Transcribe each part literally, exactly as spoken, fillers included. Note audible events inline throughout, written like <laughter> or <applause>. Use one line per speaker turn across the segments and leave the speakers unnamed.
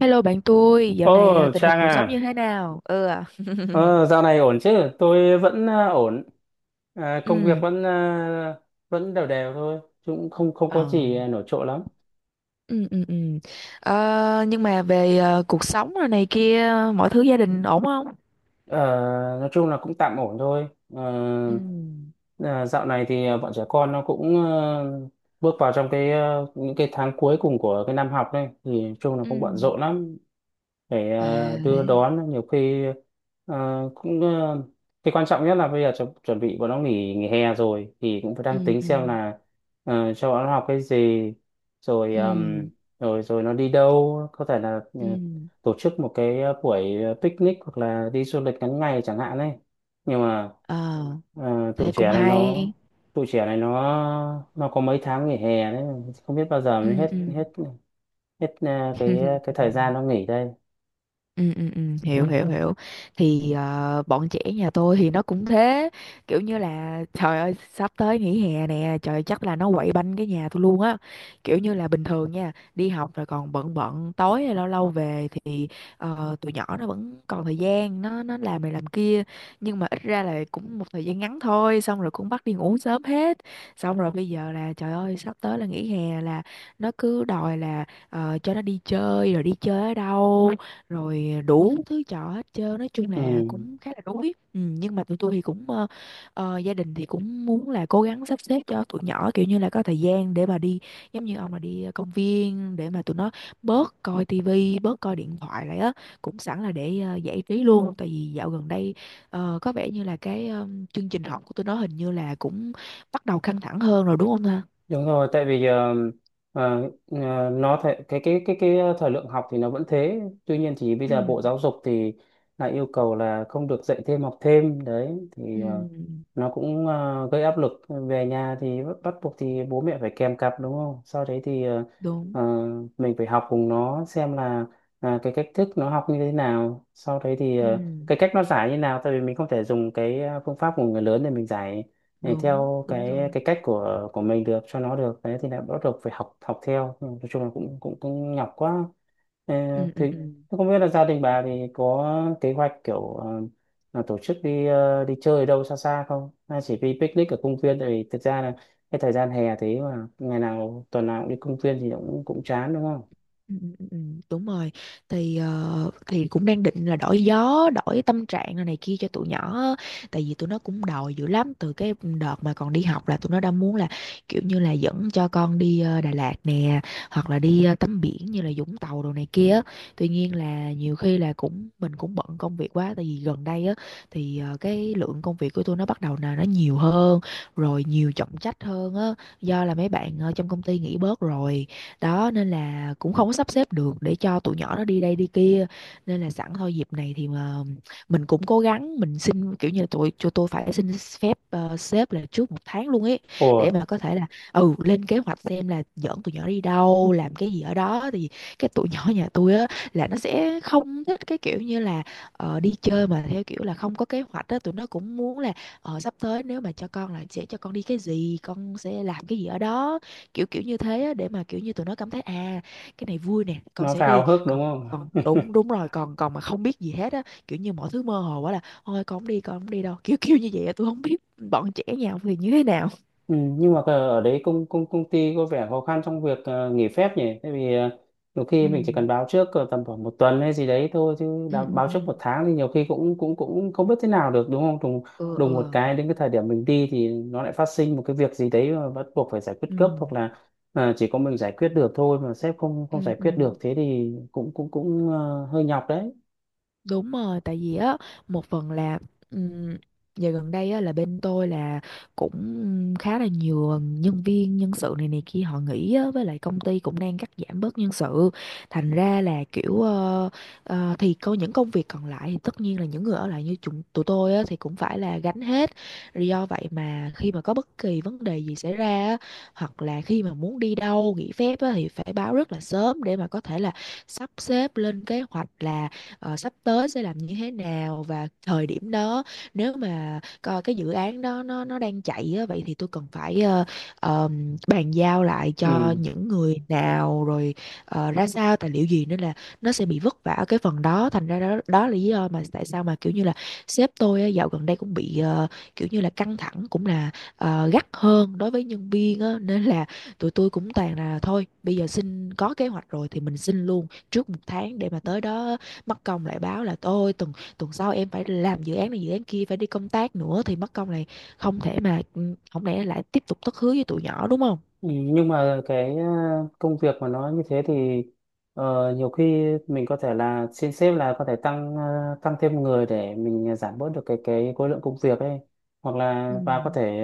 Hello bạn tôi, dạo này à,
Ồ,
tình hình
Trang
cuộc sống như
à,
thế nào? Ừ, à,
ờ, dạo này ổn chứ? Tôi vẫn à, ổn. À, công việc
ừ,
vẫn à, vẫn đều đều thôi, chứ cũng không không có
ờ,
gì à, nổi trội lắm.
ừ, ừ, ừ. Ờ, nhưng mà về à, cuộc sống rồi này kia, mọi thứ gia đình ổn không?
Ờ, nói chung là cũng tạm ổn thôi. Ờ,
Ừ,
à, Dạo này thì à, bọn trẻ con nó cũng à, bước vào trong cái à, những cái tháng cuối cùng của cái năm học đây, thì nói chung là cũng bận
ừ,
rộn lắm. Để
à,
ờ, đưa
thế, à.
đón nhiều khi ờ, cũng ờ, cái quan trọng nhất là bây giờ chu- chuẩn bị bọn nó nghỉ nghỉ hè rồi thì cũng phải
Ừ,
đang tính
ừ,
xem là ờ, cho bọn nó học cái gì, rồi ờm,
ừ,
rồi rồi nó đi đâu, có thể là ờ,
ừ,
tổ chức một cái ờ, buổi ờ, picnic hoặc là đi du lịch ngắn ngày chẳng hạn ấy. Nhưng mà
ờ,
ờ, tụi
thế cũng
trẻ này nó
hay,
tụi trẻ này nó nó có mấy tháng nghỉ hè đấy, không biết bao giờ mới
ừ, ừ.
hết hết hết ờ, cái cái
<laughs>
thời gian nó nghỉ đây.
Ừ, ừ, ừ, hiểu. Ừ, hiểu hiểu Thì ờ, bọn trẻ nhà tôi thì nó cũng thế, kiểu như là trời ơi sắp tới nghỉ hè nè, trời ơi, chắc là nó quậy banh cái nhà tôi luôn á. Kiểu như là bình thường nha, đi học rồi còn bận bận tối hay lâu lâu về thì ờ, tụi nhỏ nó vẫn còn thời gian nó nó làm này làm kia, nhưng mà ít ra là cũng một thời gian ngắn thôi, xong rồi cũng bắt đi ngủ sớm hết. Xong rồi bây giờ là trời ơi sắp tới là nghỉ hè là nó cứ đòi là ờ, cho nó đi chơi rồi đi chơi ở đâu, rồi đủ thứ trò hết trơn, nói chung
Ừ,
là cũng khá là đuối. Ừ, nhưng mà tụi tôi thì cũng ờ, ờ, gia đình thì cũng muốn là cố gắng sắp xếp cho tụi nhỏ, kiểu như là có thời gian để mà đi, giống như ông là đi công viên để mà tụi nó bớt coi tivi, bớt coi điện thoại lại á, cũng sẵn là để ờ, giải trí luôn. Tại vì dạo gần đây ờ, có vẻ như là cái ờ, chương trình học của tụi nó hình như là cũng bắt đầu căng thẳng hơn rồi, đúng không ta?
đúng rồi. Tại vì ờ, ờ, ờ, nó thể, cái cái cái cái ờ, thời lượng học thì nó vẫn thế, tuy nhiên thì bây
Ừ,
giờ Bộ Giáo dục thì lại yêu cầu là không được dạy thêm học thêm đấy,
ừ,
thì ờ, nó cũng ờ, gây áp lực về nhà, thì bắt bắt buộc thì bố mẹ phải kèm cặp đúng không. Sau đấy thì ờ,
đúng,
ờ, mình phải học cùng nó xem là à, cái cách thức nó học như thế nào, sau đấy thì ờ,
ừ,
cái cách nó giải như nào, tại vì mình không thể dùng cái ờ, phương pháp của người lớn để mình giải, để
đúng
theo
đúng
cái
rồi,
cái cách của của mình được cho nó được đấy, thì lại bắt buộc phải học học theo. Ừ, nói chung là cũng cũng cũng nhọc quá. Ờ,
ừ,
thì
ừ, ừ.
Thế không biết là gia đình bà thì có kế hoạch kiểu ờ, là tổ chức đi ờ, đi chơi đâu xa xa không, hay chỉ đi picnic ở công viên? Tại vì thực ra là cái thời gian hè thế mà ngày nào tuần nào cũng đi công viên thì cũng cũng chán đúng không.
Ừ, ừ, ừ, ừ, đúng rồi. Thì ờ, thì cũng đang định là đổi gió đổi tâm trạng này, này kia cho tụi nhỏ á. Tại vì tụi nó cũng đòi dữ lắm, từ cái đợt mà còn đi học là tụi nó đã muốn là kiểu như là dẫn cho con đi ờ, Đà Lạt nè, hoặc là đi ờ, tắm biển như là Vũng Tàu đồ này kia á. Tuy nhiên là nhiều khi là cũng mình cũng bận công việc quá. Tại vì gần đây á thì ờ, cái lượng công việc của tụi nó bắt đầu là nó nhiều hơn rồi, nhiều trọng trách hơn á, do là mấy bạn ờ, trong công ty nghỉ bớt rồi đó, nên là cũng không có sắp xếp được để cho tụi nhỏ nó đi đây đi kia. Nên là sẵn thôi dịp này thì mà mình cũng cố gắng mình xin, kiểu như là tụi cho tôi phải xin phép ờ, sếp là trước một tháng luôn ấy,
Ủa,
để mà có thể là ừ lên kế hoạch xem là dẫn tụi nhỏ đi đâu làm cái gì ở đó. Thì cái tụi nhỏ nhà tôi á là nó sẽ không thích cái kiểu như là ờ, đi chơi mà theo kiểu là không có kế hoạch á. Tụi nó cũng muốn là ờ, sắp tới nếu mà cho con là sẽ cho con đi cái gì, con sẽ làm cái gì ở đó, kiểu kiểu như thế á, để mà kiểu như tụi nó cảm thấy à cái này vui nè con
nó
sẽ
phải
đi.
vào hức đúng
Còn
không.
còn đúng đúng rồi, còn còn mà không biết gì hết á, kiểu như mọi thứ mơ hồ quá là thôi con không đi, con không đi đâu kiểu <laughs> kiểu như vậy á. Tôi không biết bọn trẻ nhà ông thì như thế nào.
Ừ, nhưng mà ờ, ở đấy công công công ty có vẻ khó khăn trong việc ờ, nghỉ phép nhỉ? Tại vì ờ, nhiều khi mình chỉ
Ừ,
cần báo trước ờ, tầm khoảng một tuần hay gì đấy thôi, chứ
ừ,
đã- báo
ừ,
trước một tháng thì nhiều khi cũng cũng cũng không biết thế nào được đúng không? Đùng
ừ,
Đùng một
ừ,
cái đến cái thời điểm mình đi thì nó lại phát sinh một cái việc gì đấy mà bắt buộc phải giải quyết gấp, hoặc
ừ,
là ờ, chỉ có mình giải quyết được thôi mà sếp không không
ừ,
giải
ừ.
quyết được, thế thì cũng cũng cũng ờ, hơi nhọc đấy.
Đúng rồi, tại vì á một phần là um, giờ gần đây á là bên tôi là cũng khá là nhiều nhân viên, nhân sự này này kia họ nghỉ á, với lại công ty cũng đang cắt giảm bớt nhân sự. Thành ra là kiểu ờ, ờ, thì có những công việc còn lại thì tất nhiên là những người ở lại như chúng tụi tôi á thì cũng phải là gánh hết. Do vậy mà khi mà có bất kỳ vấn đề gì xảy ra á, hoặc là khi mà muốn đi đâu nghỉ phép á, thì phải báo rất là sớm để mà có thể là sắp xếp lên kế hoạch là ờ, sắp tới sẽ làm như thế nào. Và thời điểm đó nếu mà coi cái dự án đó nó nó đang chạy á, vậy thì tôi cần phải ờ, ờm, bàn giao lại cho
Ừ.
những người nào, rồi ờ, ra sao tài liệu gì, nên là nó sẽ bị vất vả ở cái phần đó. Thành ra đó đó là lý do mà tại sao mà kiểu như là sếp tôi á, dạo gần đây cũng bị ờ, kiểu như là căng thẳng, cũng là ờ, gắt hơn đối với nhân viên á, nên là tụi tôi cũng toàn là thôi bây giờ xin có kế hoạch rồi thì mình xin luôn trước một tháng. Để mà tới đó mất công lại báo là tôi tuần tuần sau em phải làm dự án này dự án kia, phải đi công tác nữa thì mất công này. Không thể mà ừ, không lẽ lại tiếp tục thất hứa với tụi nhỏ đúng không.
Ừ, nhưng mà cái ờ, công việc mà nó như thế thì ờ, nhiều khi mình có thể là xin sếp là có thể tăng ờ, tăng thêm người để mình giảm bớt được cái cái khối lượng công việc ấy, hoặc là
Ừ,
và có thể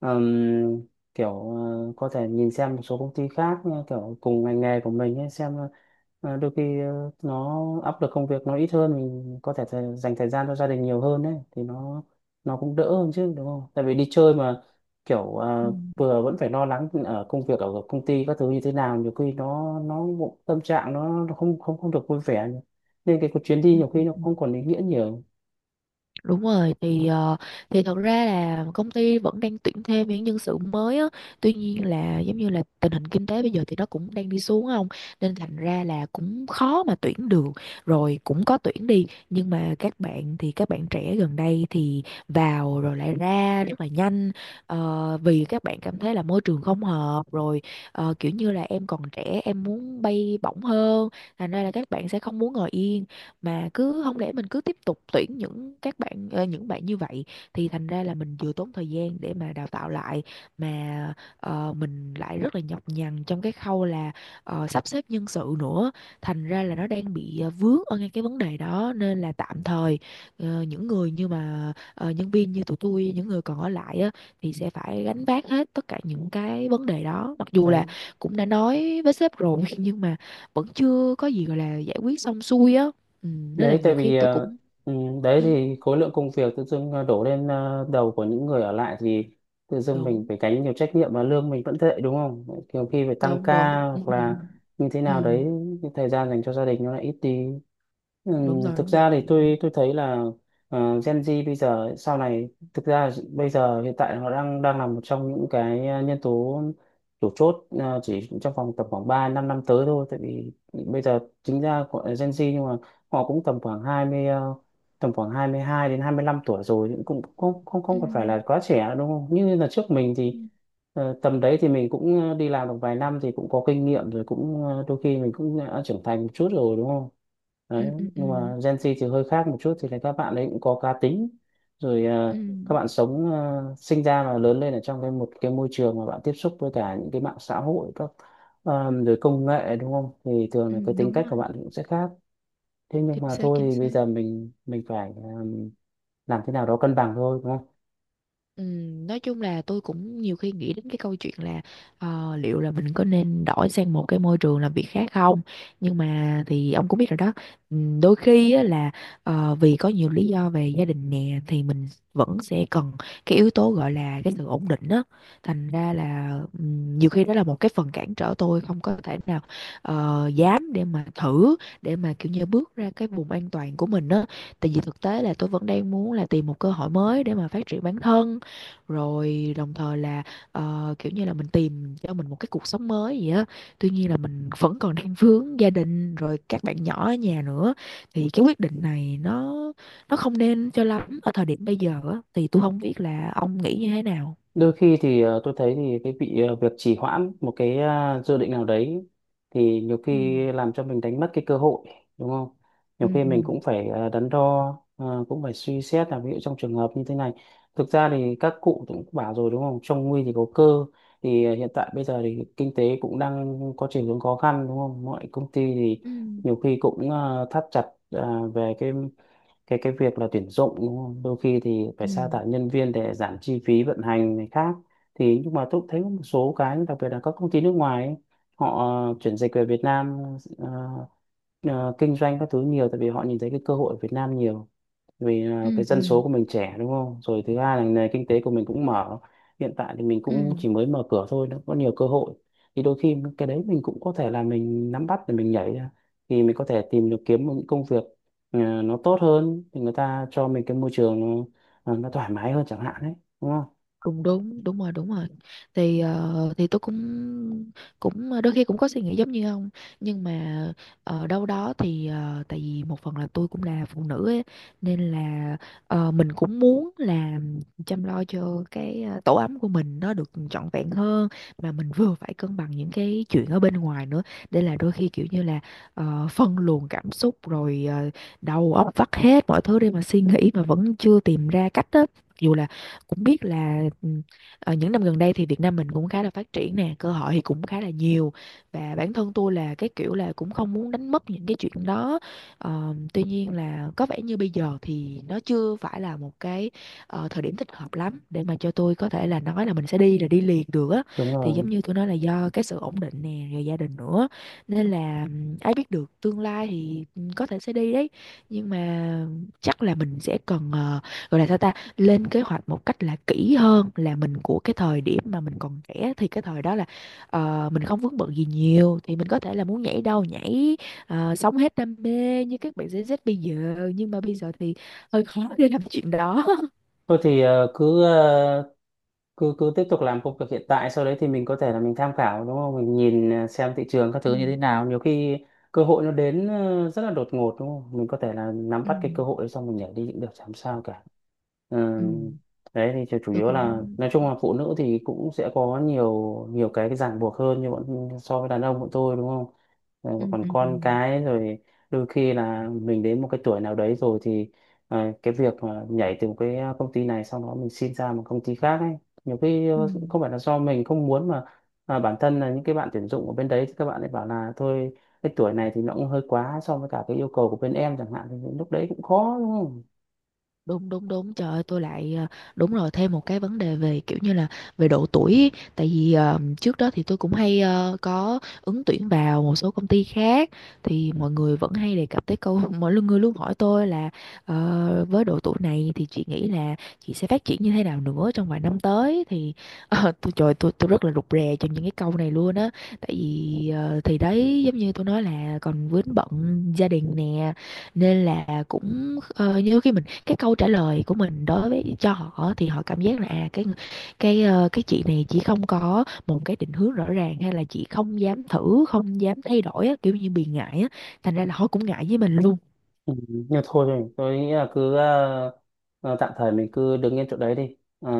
ừm, kiểu ờ, có thể nhìn xem một số công ty khác ờ, kiểu cùng ngành nghề của mình ấy, xem ờ, đôi khi ờ, nó áp lực công việc nó ít hơn, mình có thể thời, dành thời gian cho gia đình nhiều hơn ấy, thì nó nó cũng đỡ hơn chứ đúng không? Tại vì đi chơi mà kiểu
ừ,
ờ, vừa vẫn phải lo lắng ở công việc ở công ty các thứ như thế nào, nhiều khi nó nó cũng- tâm trạng nó, nó không không không được vui vẻ, nên cái chuyến đi
ừ,
nhiều
ừ.
khi nó không còn ý nghĩa nhiều.
Đúng rồi. Thì ờ, thì thật ra là công ty vẫn đang tuyển thêm những nhân sự mới á. Tuy nhiên là giống như là tình hình kinh tế bây giờ thì nó cũng đang đi xuống không, nên thành ra là cũng khó mà tuyển được. Rồi cũng có tuyển đi, nhưng mà các bạn thì các bạn trẻ gần đây thì vào rồi lại ra rất là nhanh. Ờ, vì các bạn cảm thấy là môi trường không hợp, rồi ờ, kiểu như là em còn trẻ em muốn bay bổng hơn. Thành ra là các bạn sẽ không muốn ngồi yên, mà cứ không lẽ mình cứ tiếp tục tuyển những các bạn ờ, những bạn như vậy, thì thành ra là mình vừa tốn thời gian để mà đào tạo lại, mà ờ, mình lại rất là nhọc nhằn trong cái khâu là ờ, sắp xếp nhân sự nữa. Thành ra là nó đang bị ờ, vướng ở ngay cái vấn đề đó, nên là tạm thời ờ, những người như mà ờ, nhân viên như tụi tôi, những người còn ở lại á, thì sẽ phải gánh vác hết tất cả những cái vấn đề đó. Mặc dù là
đấy
cũng đã nói với sếp rồi <laughs> nhưng mà vẫn chưa có gì gọi là giải quyết xong xuôi á. Ừ, rất là
đấy tại
nhiều khi
vì
tôi
ờ,
cũng
ừ, đấy
ừ,
thì khối lượng công việc tự dưng ờ, đổ lên ờ, đầu của những người ở lại, thì tự dưng mình
đúng
phải gánh nhiều trách nhiệm mà lương mình vẫn tệ đúng không. Nhiều khi phải tăng
đúng đúng,
ca
ừ,
hoặc là như thế
ừ,
nào đấy, cái thời gian dành cho gia đình nó lại ít đi. ừ,
đúng rồi
Thực
đúng
ra thì
rồi,
tôi tôi thấy là ờ, Gen Z bây giờ sau này, thực ra bây giờ hiện tại họ đang đang là một trong những cái ờ, nhân tố chủ chốt ờ, chỉ trong vòng tầm khoảng ba 5 năm tới thôi. Tại vì bây giờ chính ra gọi là Gen Z nhưng mà họ cũng tầm khoảng hai mươi ờ, tầm khoảng hai mươi hai đến hai mươi lăm tuổi rồi, thì cũng không không
ừ,
không còn phải là quá trẻ nữa, đúng không, như là trước mình
ừ,
thì ờ, tầm đấy thì mình cũng ờ, đi làm được vài năm thì cũng có kinh nghiệm rồi, cũng ờ, đôi khi mình cũng đã trưởng thành một chút rồi đúng không. Đấy,
ừ, ừ, ừ,
nhưng mà Gen Z thì hơi khác một chút, thì là các bạn ấy cũng có cá tính rồi
ừ,
ờ, các bạn sống ờ, sinh ra và lớn lên ở trong cái một cái môi trường mà bạn tiếp xúc với cả những cái mạng xã hội các ờ, rồi công nghệ đúng không, thì thường
ừ,
là cái tính
đúng
cách của
rồi,
bạn cũng sẽ khác. Thế nhưng
chính
mà
xác
thôi
chính
thì
xác.
bây giờ mình mình phải um, làm thế nào đó cân bằng thôi đúng không.
Ừm, nói chung là tôi cũng nhiều khi nghĩ đến cái câu chuyện là ờ, liệu là mình có nên đổi sang một cái môi trường làm việc khác không. Nhưng mà thì ông cũng biết rồi đó, ừm, đôi khi á, là ờ, vì có nhiều lý do về gia đình nè, thì mình vẫn sẽ cần cái yếu tố gọi là cái sự ổn định á. Thành ra là ừm, nhiều khi đó là một cái phần cản trở tôi không có thể nào ờ, dám để mà thử, để mà kiểu như bước ra cái vùng an toàn của mình á. Tại vì thực tế là tôi vẫn đang muốn là tìm một cơ hội mới để mà phát triển bản thân, rồi đồng thời là ờ, kiểu như là mình tìm cho mình một cái cuộc sống mới gì á. Tuy nhiên là mình vẫn còn đang vướng gia đình, rồi các bạn nhỏ ở nhà nữa, thì cái quyết định này nó nó không nên cho lắm ở thời điểm bây giờ á. Thì tôi không biết là ông nghĩ như thế nào.
Đôi khi thì ờ, tôi thấy thì cái bị ờ, việc trì hoãn một cái ờ, dự định nào đấy, thì nhiều
Ừ.
khi làm cho mình đánh mất cái cơ hội đúng không. Nhiều
Ừ,
khi mình
ừ.
cũng phải ờ, đắn đo, ờ, cũng phải suy xét là ví dụ trong trường hợp như thế này, thực ra thì các cụ cũng bảo rồi đúng không, trong nguy thì có cơ. Thì ờ, hiện tại bây giờ thì kinh tế cũng đang có chiều hướng khó khăn đúng không, mọi công ty thì
Ừ.
nhiều khi cũng ờ, thắt chặt ờ, về cái cái cái việc là tuyển dụng đúng không? Đôi khi thì
Ừ,
phải sa thải nhân viên để giảm chi phí vận hành này khác. Thì nhưng mà tôi cũng thấy có một số cái đặc biệt là các công ty nước ngoài ấy, họ ờ, chuyển dịch về Việt Nam ờ, ờ, kinh doanh các thứ nhiều, tại vì họ nhìn thấy cái cơ hội ở Việt Nam nhiều. Vì à, cái
ừ,
dân
ừ,
số của mình trẻ đúng không, rồi thứ hai là nền kinh tế của mình cũng mở, hiện tại thì mình
ừ.
cũng chỉ mới mở cửa thôi, nó có nhiều cơ hội. Thì đôi khi cái đấy mình cũng có thể là mình nắm bắt để mình nhảy ra, thì mình có thể tìm được kiếm một những công việc à, nó tốt hơn, thì người ta cho mình cái môi trường nó, à, nó thoải mái hơn chẳng hạn đấy đúng không.
Cũng đúng, đúng rồi đúng rồi. Thì ờ, thì tôi cũng cũng ờ, đôi khi cũng có suy nghĩ giống như ông. Nhưng mà ở đâu đó thì ờ, tại vì một phần là tôi cũng là phụ nữ ấy, nên là ờ, mình cũng muốn là chăm lo cho cái ờ, tổ ấm của mình nó được trọn vẹn hơn, mà mình vừa phải cân bằng những cái chuyện ở bên ngoài nữa. Để là đôi khi kiểu như là ờ, phân luồng cảm xúc, rồi ờ, đầu óc vắt hết mọi thứ để mà suy nghĩ mà vẫn chưa tìm ra cách á. Dù là cũng biết là ừm, ờ, những năm gần đây thì Việt Nam mình cũng khá là phát triển nè, cơ hội thì cũng khá là nhiều, và bản thân tôi là cái kiểu là cũng không muốn đánh mất những cái chuyện đó. Ờ, tuy nhiên là có vẻ như bây giờ thì nó chưa phải là một cái ờ, thời điểm thích hợp lắm để mà cho tôi có thể là nói là mình sẽ đi là đi liền được á.
Đúng
Thì
rồi.
giống như tôi nói là do cái sự ổn định nè, rồi gia đình nữa, nên là ừm, ai biết được tương lai thì ừm, có thể sẽ đi đấy. Nhưng mà chắc là mình sẽ cần ờ, gọi là sao ta, lên kế hoạch một cách là kỹ hơn, là mình của cái thời điểm mà mình còn trẻ thì cái thời đó là ờ, mình không vướng bận gì nhiều thì mình có thể là muốn nhảy đâu nhảy, ờ, sống hết đam mê như các bạn Gen Z bây giờ. Nhưng mà bây giờ thì hơi khó <laughs> để làm chuyện đó. <laughs>
Thôi thì ờ, cứ ờ, cứ cứ tiếp tục làm công việc hiện tại, sau đấy thì mình có thể là mình tham khảo đúng không, mình nhìn ờ, xem thị trường các thứ
Ừ,
như thế nào, nhiều khi cơ hội nó đến ờ, rất là đột ngột đúng không, mình có thể là nắm
ừ,
bắt cái cơ hội đấy xong mình nhảy đi cũng được chẳng sao cả. Ừ,
ừ.
đấy thì chủ chủ
Tôi
yếu là
cũng
nói chung là phụ nữ thì cũng sẽ có nhiều nhiều cái cái ràng buộc hơn, như bọn so với đàn ông bọn tôi đúng không. Ừ,
ừ,
còn
ừ, ừ.
con cái rồi đôi khi là mình đến một cái tuổi nào đấy rồi thì à, cái việc mà nhảy từ một cái à, công ty này sau đó mình xin ra một công ty khác ấy, nhiều khi
Ừ.
ờ, không phải là do mình không muốn, mà mà bản thân là những cái bạn tuyển dụng ở bên đấy thì các bạn ấy bảo là thôi, cái tuổi này thì nó cũng hơi quá so với cả cái yêu cầu của bên em chẳng hạn, thì lúc đấy cũng khó đúng không.
Đúng đúng đúng, trời ơi tôi lại ờ, đúng rồi, thêm một cái vấn đề về kiểu như là về độ tuổi ý. Tại vì ờ, trước đó thì tôi cũng hay ờ, có ứng tuyển vào một số công ty khác, thì mọi người vẫn hay đề cập tới câu. <laughs> Mọi lu- người luôn hỏi tôi là ờ, với độ tuổi này thì chị nghĩ là chị sẽ phát triển như thế nào nữa trong vài năm tới. Thì <laughs> ờ, tôi trời tôi tôi rất là rụt rè trong những cái câu này luôn á. Tại vì ờ, thì đấy giống như tôi nói là còn vướng bận gia đình nè, nên là cũng ờ, như khi mình cái câu trả lời của mình đối với cho họ thì họ cảm giác là à cái cái ờ, cái chị này chỉ không có một cái định hướng rõ ràng, hay là chị không dám thử không dám thay đổi á, kiểu như bị ngại á. Thành ra là họ cũng ngại với mình luôn.
Ừ, nhưng thôi rồi, tôi nghĩ là cứ ờ, ờ, tạm thời mình cứ đứng yên chỗ đấy đi. Ờ,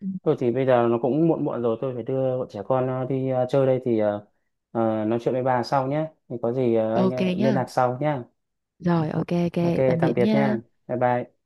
Ừ.
Thôi thì bây giờ nó cũng muộn muộn rồi, tôi phải đưa bọn trẻ con ờ, đi ờ, chơi đây, thì ờ, ờ, nói chuyện với bà sau nhé. Thì có gì ờ, anh
Ok
ờ, liên lạc
nhá.
sau nhé.
Rồi ok
Ok,
ok, tạm biệt
tạm biệt nha.
nha.
Bye bye.